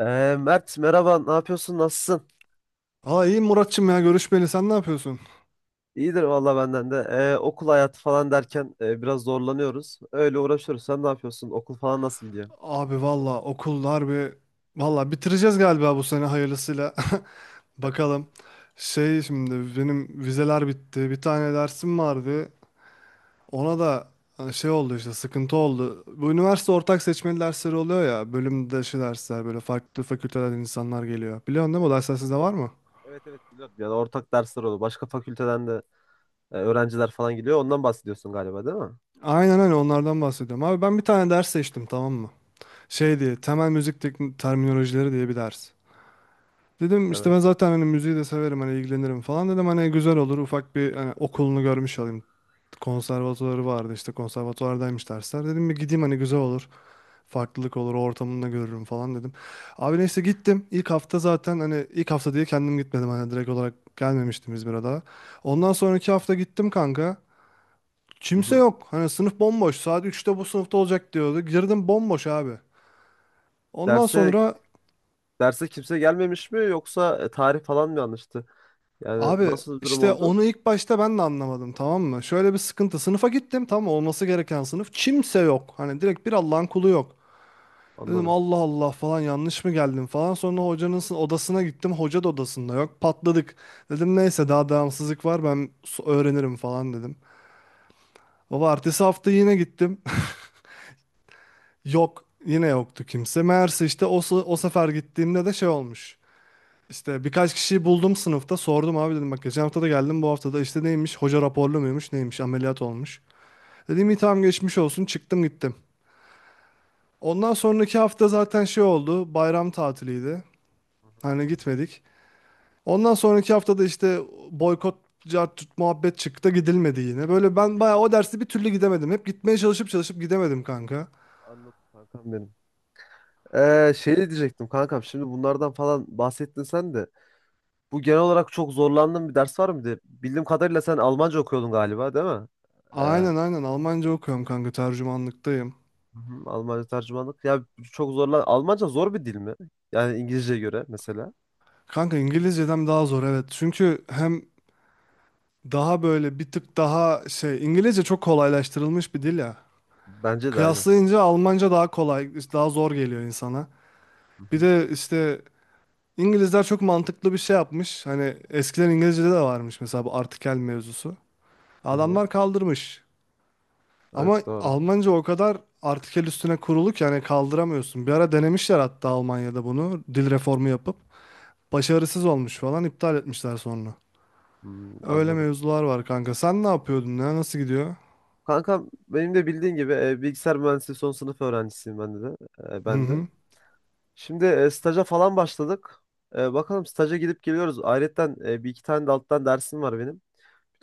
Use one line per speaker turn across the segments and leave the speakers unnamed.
Mert, merhaba, ne yapıyorsun, nasılsın?
Aa iyi Muratçım ya görüşmeli sen ne yapıyorsun?
İyidir valla, benden de. Okul hayatı falan derken biraz zorlanıyoruz. Öyle uğraşıyoruz. Sen ne yapıyorsun? Okul falan nasıl gidiyor?
Abi valla okullar valla bitireceğiz galiba bu sene hayırlısıyla. Bakalım. Şey şimdi benim vizeler bitti. Bir tane dersim vardı. Ona da hani şey oldu, işte sıkıntı oldu. Bu üniversite ortak seçmeli dersleri oluyor ya. Bölüm dışı dersler, böyle farklı fakültelerden insanlar geliyor. Biliyorsun değil mi, o
Evet,
dersler sizde var mı?
evet, evet, biliyorum. Yani ortak dersler oluyor. Başka fakülteden de öğrenciler falan geliyor. Ondan bahsediyorsun galiba, değil mi?
Aynen öyle, onlardan bahsediyorum. Abi ben bir tane ders seçtim, tamam mı? Şey diye, temel müzik teknik terminolojileri diye bir ders. Dedim işte
Evet.
ben zaten hani müziği de severim, hani ilgilenirim falan dedim, hani güzel olur, ufak bir hani okulunu görmüş olayım. Konservatuvarı vardı, işte konservatuvardaymış dersler. Dedim bir gideyim, hani güzel olur. Farklılık olur, ortamını da görürüm falan dedim. Abi neyse gittim. İlk hafta zaten hani ilk hafta diye kendim gitmedim, hani direkt olarak gelmemiştim İzmir'e daha. Ondan sonraki hafta gittim kanka. Kimse
Hı-hı.
yok. Hani sınıf bomboş. Saat üçte bu sınıfta olacak diyordu. Girdim, bomboş abi. Ondan
Derse
sonra,
derse kimse gelmemiş mi, yoksa tarih falan mı yanlıştı? Yani
abi
nasıl bir durum
işte
oldu?
onu ilk başta ben de anlamadım, tamam mı? Şöyle bir sıkıntı. Sınıfa gittim, tamam mı? Olması gereken sınıf. Kimse yok. Hani direkt bir Allah'ın kulu yok. Dedim
Anladım.
Allah Allah falan, yanlış mı geldim falan. Sonra hocanın odasına gittim. Hoca da odasında yok. Patladık. Dedim neyse daha devamsızlık var, ben öğrenirim falan dedim. Baba ertesi hafta yine gittim. Yok. Yine yoktu kimse. Meğerse işte o, o sefer gittiğimde de şey olmuş. İşte birkaç kişiyi buldum sınıfta, sordum abi dedim, bak geçen hafta da geldim bu hafta da, işte neymiş, hoca raporlu muymuş, neymiş ameliyat olmuş. Dedim iyi tamam geçmiş olsun, çıktım gittim. Ondan sonraki hafta zaten şey oldu, bayram tatiliydi
Hı hı.
hani, gitmedik. Ondan sonraki hafta da işte boykot, cart tut muhabbet çıktı, gidilmedi yine. Böyle ben bayağı o dersi bir türlü gidemedim. Hep gitmeye çalışıp çalışıp gidemedim kanka.
Anladım, kankam benim. Şey diyecektim kankam, şimdi bunlardan falan bahsettin sen de. Bu, genel olarak çok zorlandığın bir ders var mıydı? Bildiğim kadarıyla sen Almanca okuyordun galiba, değil mi? Hı
Aynen aynen, Almanca okuyorum kanka, tercümanlıktayım.
hı, Almanca tercümanlık. Ya çok zorlan. Almanca zor bir dil mi? Yani İngilizceye göre mesela.
Kanka İngilizceden daha zor, evet. Çünkü hem, daha böyle bir tık daha şey, İngilizce çok kolaylaştırılmış bir dil ya.
Bence de aynı.
Kıyaslayınca Almanca daha kolay, daha zor geliyor insana.
Hı
Bir
hı,
de işte İngilizler çok mantıklı bir şey yapmış. Hani eskiden İngilizce'de de varmış mesela bu artikel mevzusu.
hı hı.
Adamlar kaldırmış.
Evet,
Ama
doğru.
Almanca o kadar artikel üstüne kurulu ki hani kaldıramıyorsun. Bir ara denemişler hatta Almanya'da bunu, dil reformu yapıp başarısız olmuş falan, iptal etmişler sonra.
Hmm,
Öyle
anladım.
mevzular var kanka. Sen ne yapıyordun ya? Nasıl gidiyor?
Kankam, benim de bildiğin gibi bilgisayar mühendisliği son sınıf öğrencisiyim ben de.
Hı
Ben de.
hı.
Şimdi staja falan başladık. Bakalım, staja gidip geliyoruz. Ayrıca bir iki tane de alttan dersim var benim.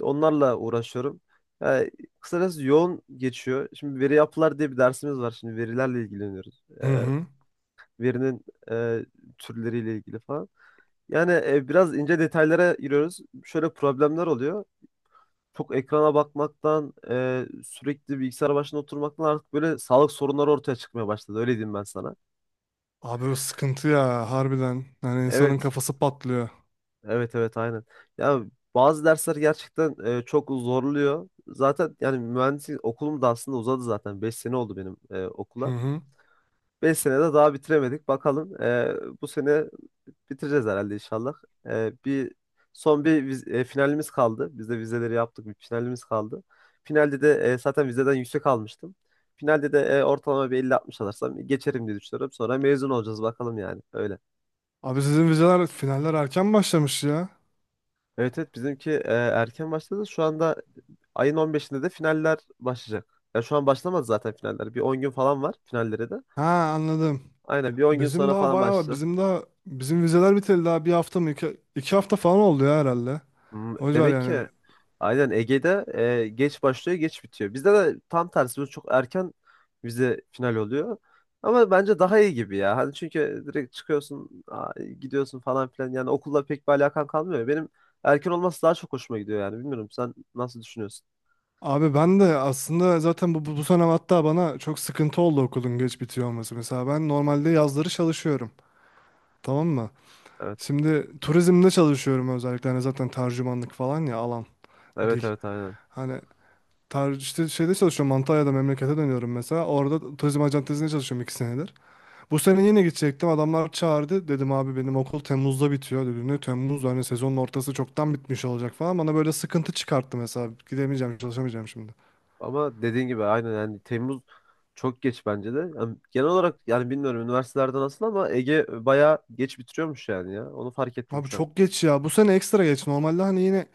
Onlarla uğraşıyorum. Yani kısacası yoğun geçiyor. Şimdi veri yapılar diye bir dersimiz var. Şimdi verilerle ilgileniyoruz.
Hı hı.
Verinin e, türleriyle ilgili falan. Yani biraz ince detaylara giriyoruz. Şöyle problemler oluyor. Çok ekrana bakmaktan, sürekli bilgisayar başında oturmaktan artık böyle sağlık sorunları ortaya çıkmaya başladı. Öyle diyeyim ben sana.
Abi o sıkıntı ya, harbiden. Yani insanın
Evet.
kafası patlıyor.
Evet, evet, aynen. Ya bazı dersler gerçekten çok zorluyor. Zaten yani mühendislik okulum da aslında uzadı zaten. 5 sene oldu benim
Hı
okula.
hı.
5 senede daha bitiremedik. Bakalım, bu sene bitireceğiz herhalde inşallah. Bir son finalimiz kaldı. Biz de vizeleri yaptık. Bir finalimiz kaldı. Finalde de zaten vizeden yüksek almıştım. Finalde de ortalama bir 50-60 alırsam geçerim diye düşünüyorum. Sonra mezun olacağız bakalım yani. Öyle.
Abi sizin vizeler finaller erken başlamış ya.
Evet, evet, bizimki erken başladı. Şu anda ayın 15'inde de finaller başlayacak. Ya şu an başlamadı zaten finaller. Bir 10 gün falan var finallere de.
Ha, anladım.
Aynen, bir 10 gün
Bizim
sonra
daha
falan
bayağı var.
başlayacak.
Bizim daha, bizim vizeler biteli daha bir hafta mı, iki hafta falan oldu ya herhalde.
Hmm.
Hocalar
Demek
yani.
ki Aynen, Ege'de geç başlıyor, geç bitiyor. Bizde de tam tersi. Biz çok erken vize final oluyor. Ama bence daha iyi gibi ya. Hani çünkü direkt çıkıyorsun, gidiyorsun falan filan. Yani okulla pek bir alakan kalmıyor. Benim erken olması daha çok hoşuma gidiyor yani. Bilmiyorum, sen nasıl düşünüyorsun?
Abi ben de aslında zaten bu sene hatta bana çok sıkıntı oldu okulun geç bitiyor olması. Mesela ben normalde yazları çalışıyorum. Tamam mı?
Evet.
Şimdi turizmde çalışıyorum özellikle. Hani zaten tercümanlık falan ya, alan
Evet,
dil.
evet, aynen.
Hani işte şeyde çalışıyorum, Antalya'da, memlekete dönüyorum mesela. Orada turizm acentesinde çalışıyorum 2 senedir. Bu sene yine gidecektim. Adamlar çağırdı. Dedim abi benim okul Temmuz'da bitiyor dedi. Ne Temmuz, hani sezonun ortası çoktan bitmiş olacak falan. Bana böyle sıkıntı çıkarttı mesela. Gidemeyeceğim, çalışamayacağım şimdi.
Ama dediğin gibi aynen, yani Temmuz çok geç bence de. Yani genel olarak, yani bilmiyorum üniversitelerde nasıl ama Ege bayağı geç bitiriyormuş yani ya. Onu fark ettim
Abi
şu an.
çok geç ya. Bu sene ekstra geç. Normalde hani yine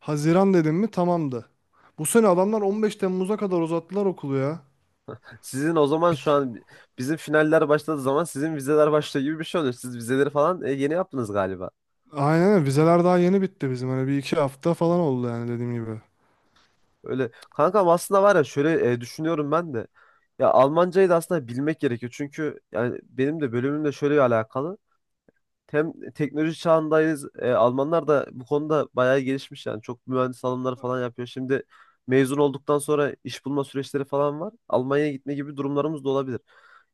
Haziran dedim mi tamamdı. Bu sene adamlar 15 Temmuz'a kadar uzattılar okulu ya.
Sizin o zaman şu
Bit
an bizim finaller başladığı zaman sizin vizeler başlıyor gibi bir şey oluyor. Siz vizeleri falan yeni yaptınız galiba.
Aynen öyle. Vizeler daha yeni bitti bizim. Hani bir iki hafta falan oldu yani, dediğim gibi.
Öyle kankam, aslında var ya, şöyle düşünüyorum ben de. Ya Almancayı da aslında bilmek gerekiyor. Çünkü yani benim de bölümümle şöyle alakalı. Hem teknoloji çağındayız. Almanlar da bu konuda bayağı gelişmiş yani. Çok mühendis alımları falan yapıyor. Şimdi mezun olduktan sonra iş bulma süreçleri falan var. Almanya'ya gitme gibi durumlarımız da olabilir.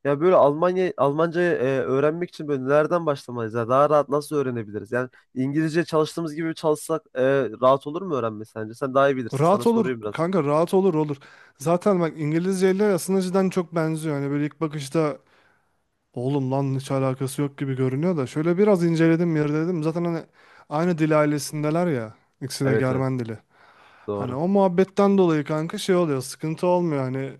Ya böyle Almancayı öğrenmek için böyle nereden başlamalıyız? Ya daha rahat nasıl öğrenebiliriz? Yani İngilizce çalıştığımız gibi çalışsak rahat olur mu öğrenme sence? Sen daha iyi bilirsin. Sana
Rahat olur
soruyorum biraz.
kanka, rahat olur. Zaten bak İngilizce ile aslında cidden çok benziyor. Hani böyle ilk bakışta oğlum lan hiç alakası yok gibi görünüyor da, şöyle biraz inceledim dedim, zaten hani aynı dil ailesindeler ya. İkisi de
Evet, evet.
Germen dili. Hani
Doğru.
o muhabbetten dolayı kanka şey oluyor, sıkıntı olmuyor, hani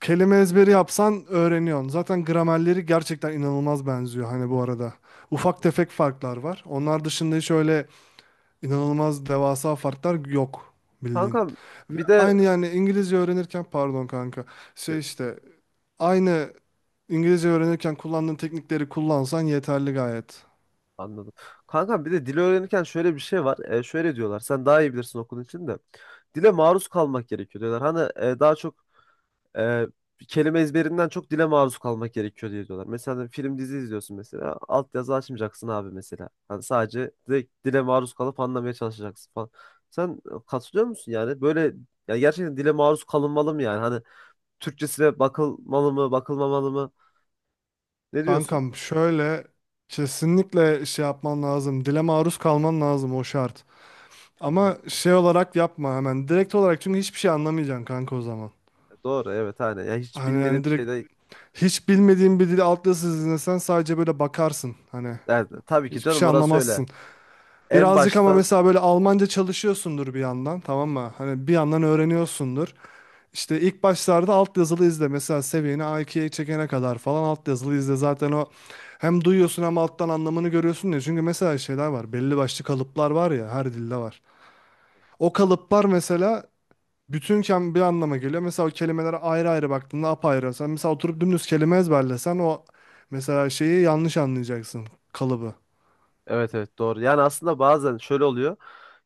kelime ezberi yapsan öğreniyorsun. Zaten gramerleri gerçekten inanılmaz benziyor hani, bu arada. Ufak tefek farklar var. Onlar dışında hiç öyle inanılmaz devasa farklar yok
Kankam
ve
bir de
aynı yani İngilizce öğrenirken pardon kanka şey işte aynı İngilizce öğrenirken kullandığın teknikleri kullansan yeterli gayet.
Anladım. Kankam, bir de dil öğrenirken şöyle bir şey var. Şöyle diyorlar. Sen daha iyi bilirsin okulun için de. Dile maruz kalmak gerekiyor diyorlar. Hani daha çok e, kelime ezberinden çok dile maruz kalmak gerekiyor diye diyorlar. Mesela hani film dizi izliyorsun mesela. Altyazı açmayacaksın abi mesela. Hani sadece direkt dile maruz kalıp anlamaya çalışacaksın falan. Sen katılıyor musun yani? Böyle ya, gerçekten dile maruz kalınmalı mı yani? Hani Türkçesine bakılmalı mı, bakılmamalı mı? Ne diyorsun?
Kankam şöyle, kesinlikle şey yapman lazım. Dile maruz kalman lazım, o şart.
Hı hı.
Ama şey olarak yapma hemen. Direkt olarak, çünkü hiçbir şey anlamayacaksın kanka o zaman.
Doğru, evet, hani ya hiç
Hani
bilmediğim
yani direkt
şeyde.
hiç bilmediğin bir dili alt yazısız dinlesen, sadece böyle bakarsın. Hani
Yani tabii ki
hiçbir
canım,
şey
orası öyle.
anlamazsın.
En
Birazcık ama
baştan.
mesela böyle Almanca çalışıyorsundur bir yandan, tamam mı? Hani bir yandan öğreniyorsundur. İşte ilk başlarda alt yazılı izle. Mesela seviyeni A2'ye çekene kadar falan alt yazılı izle. Zaten o hem duyuyorsun hem alttan anlamını görüyorsun ya. Çünkü mesela şeyler var. Belli başlı kalıplar var ya, her dilde var. O kalıplar mesela bütünken bir anlama geliyor. Mesela o kelimelere ayrı ayrı baktığında apayrı. Sen mesela oturup dümdüz kelime ezberlesen o, mesela şeyi yanlış anlayacaksın, kalıbı.
Evet, evet, doğru. Yani aslında bazen şöyle oluyor.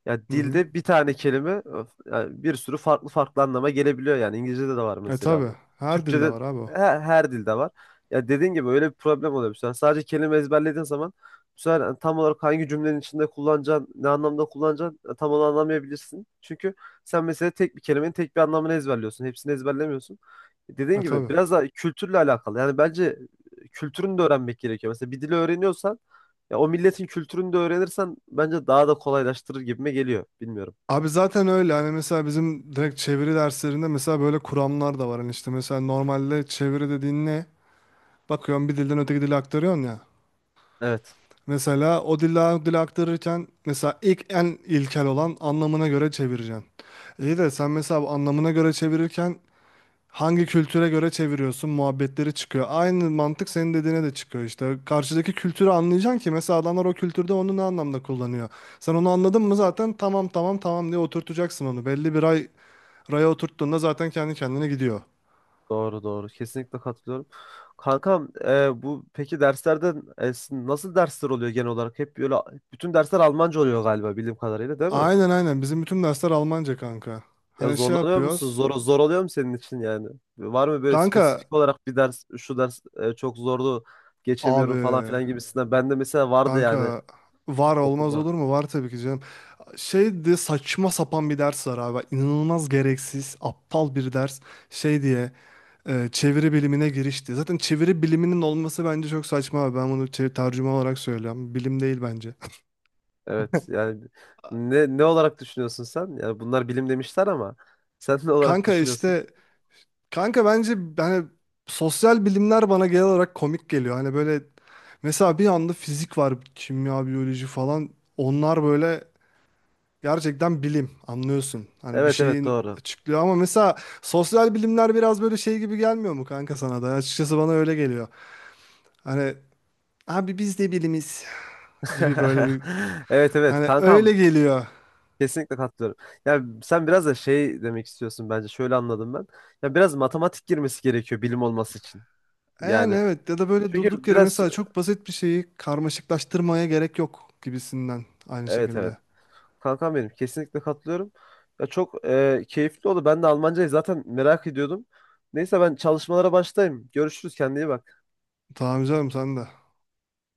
Ya
Hı hı.
dilde bir tane kelime, öf, yani bir sürü farklı farklı anlama gelebiliyor yani. İngilizce'de de var
E
mesela
tabi.
bu.
Her dilde
Türkçe'de,
var abi o.
her dilde var. Ya dediğin gibi öyle bir problem oluyor. Mesela sadece kelime ezberlediğin zaman bu sefer yani tam olarak hangi cümlenin içinde kullanacaksın, ne anlamda kullanacaksın tam onu anlamayabilirsin. Çünkü sen mesela tek bir kelimenin tek bir anlamını ezberliyorsun. Hepsini ezberlemiyorsun.
E
Dediğin gibi
tabi.
biraz da kültürle alakalı. Yani bence kültürünü de öğrenmek gerekiyor. Mesela bir dili öğreniyorsan, ya o milletin kültürünü de öğrenirsen bence daha da kolaylaştırır gibime geliyor. Bilmiyorum.
Abi zaten öyle hani, mesela bizim direkt çeviri derslerinde mesela böyle kuramlar da var hani, işte mesela normalde çeviri dediğin ne? Bakıyorsun bir dilden öteki dile aktarıyorsun ya.
Evet.
Mesela o dilden o dile aktarırken mesela ilk en ilkel olan anlamına göre çevireceksin. İyi de sen mesela bu anlamına göre çevirirken hangi kültüre göre çeviriyorsun muhabbetleri çıkıyor. Aynı mantık senin dediğine de çıkıyor işte. Karşıdaki kültürü anlayacaksın ki mesela adamlar o kültürde onu ne anlamda kullanıyor. Sen onu anladın mı, zaten tamam tamam tamam diye oturtacaksın onu. Belli bir ay raya oturttuğunda zaten kendi kendine gidiyor.
Doğru, doğru. Kesinlikle katılıyorum. Kankam, bu peki derslerden, sizin nasıl dersler oluyor genel olarak? Hep böyle bütün dersler Almanca oluyor galiba, bildiğim kadarıyla, değil mi?
Aynen aynen. Bizim bütün dersler Almanca kanka.
Ya
Hani şey
zorlanıyor musun?
yapıyoruz.
Zor oluyor mu senin için yani? Var mı böyle
Kanka
spesifik olarak bir ders, şu ders çok zordu, geçemiyorum
abi
falan filan gibisinden. Ben de mesela vardı yani.
kanka, var olmaz
Okulda.
olur mu? Var tabii ki canım. Şeydi, saçma sapan bir ders var abi. İnanılmaz gereksiz, aptal bir ders. Şey diye, çeviri bilimine girişti. Zaten çeviri biliminin olması bence çok saçma abi. Ben bunu tercüme olarak söylüyorum. Bilim değil bence.
Evet yani, ne olarak düşünüyorsun sen? Yani bunlar bilim demişler ama sen ne olarak
Kanka
düşünüyorsun?
işte, kanka bence hani sosyal bilimler bana genel olarak komik geliyor. Hani böyle mesela bir anda fizik var, kimya, biyoloji falan. Onlar böyle gerçekten bilim, anlıyorsun. Hani bir
Evet, evet,
şeyin
doğru.
açıklıyor, ama mesela sosyal bilimler biraz böyle şey gibi gelmiyor mu kanka sana da? Açıkçası bana öyle geliyor. Hani abi biz de bilimiz gibi böyle bir,
Evet, evet
hani öyle
kankam,
geliyor.
kesinlikle katılıyorum. Ya sen biraz da şey demek istiyorsun bence, şöyle anladım ben. Ya biraz matematik girmesi gerekiyor bilim olması için.
E yani
Yani
evet, ya da böyle
çünkü
durduk yere
biraz,
mesela çok basit bir şeyi karmaşıklaştırmaya gerek yok gibisinden, aynı
evet, evet
şekilde.
kankam benim, kesinlikle katılıyorum. Ya çok keyifli oldu. Ben de Almancayı zaten merak ediyordum. Neyse, ben çalışmalara başlayayım. Görüşürüz, kendine iyi bak.
Tamam canım sen de.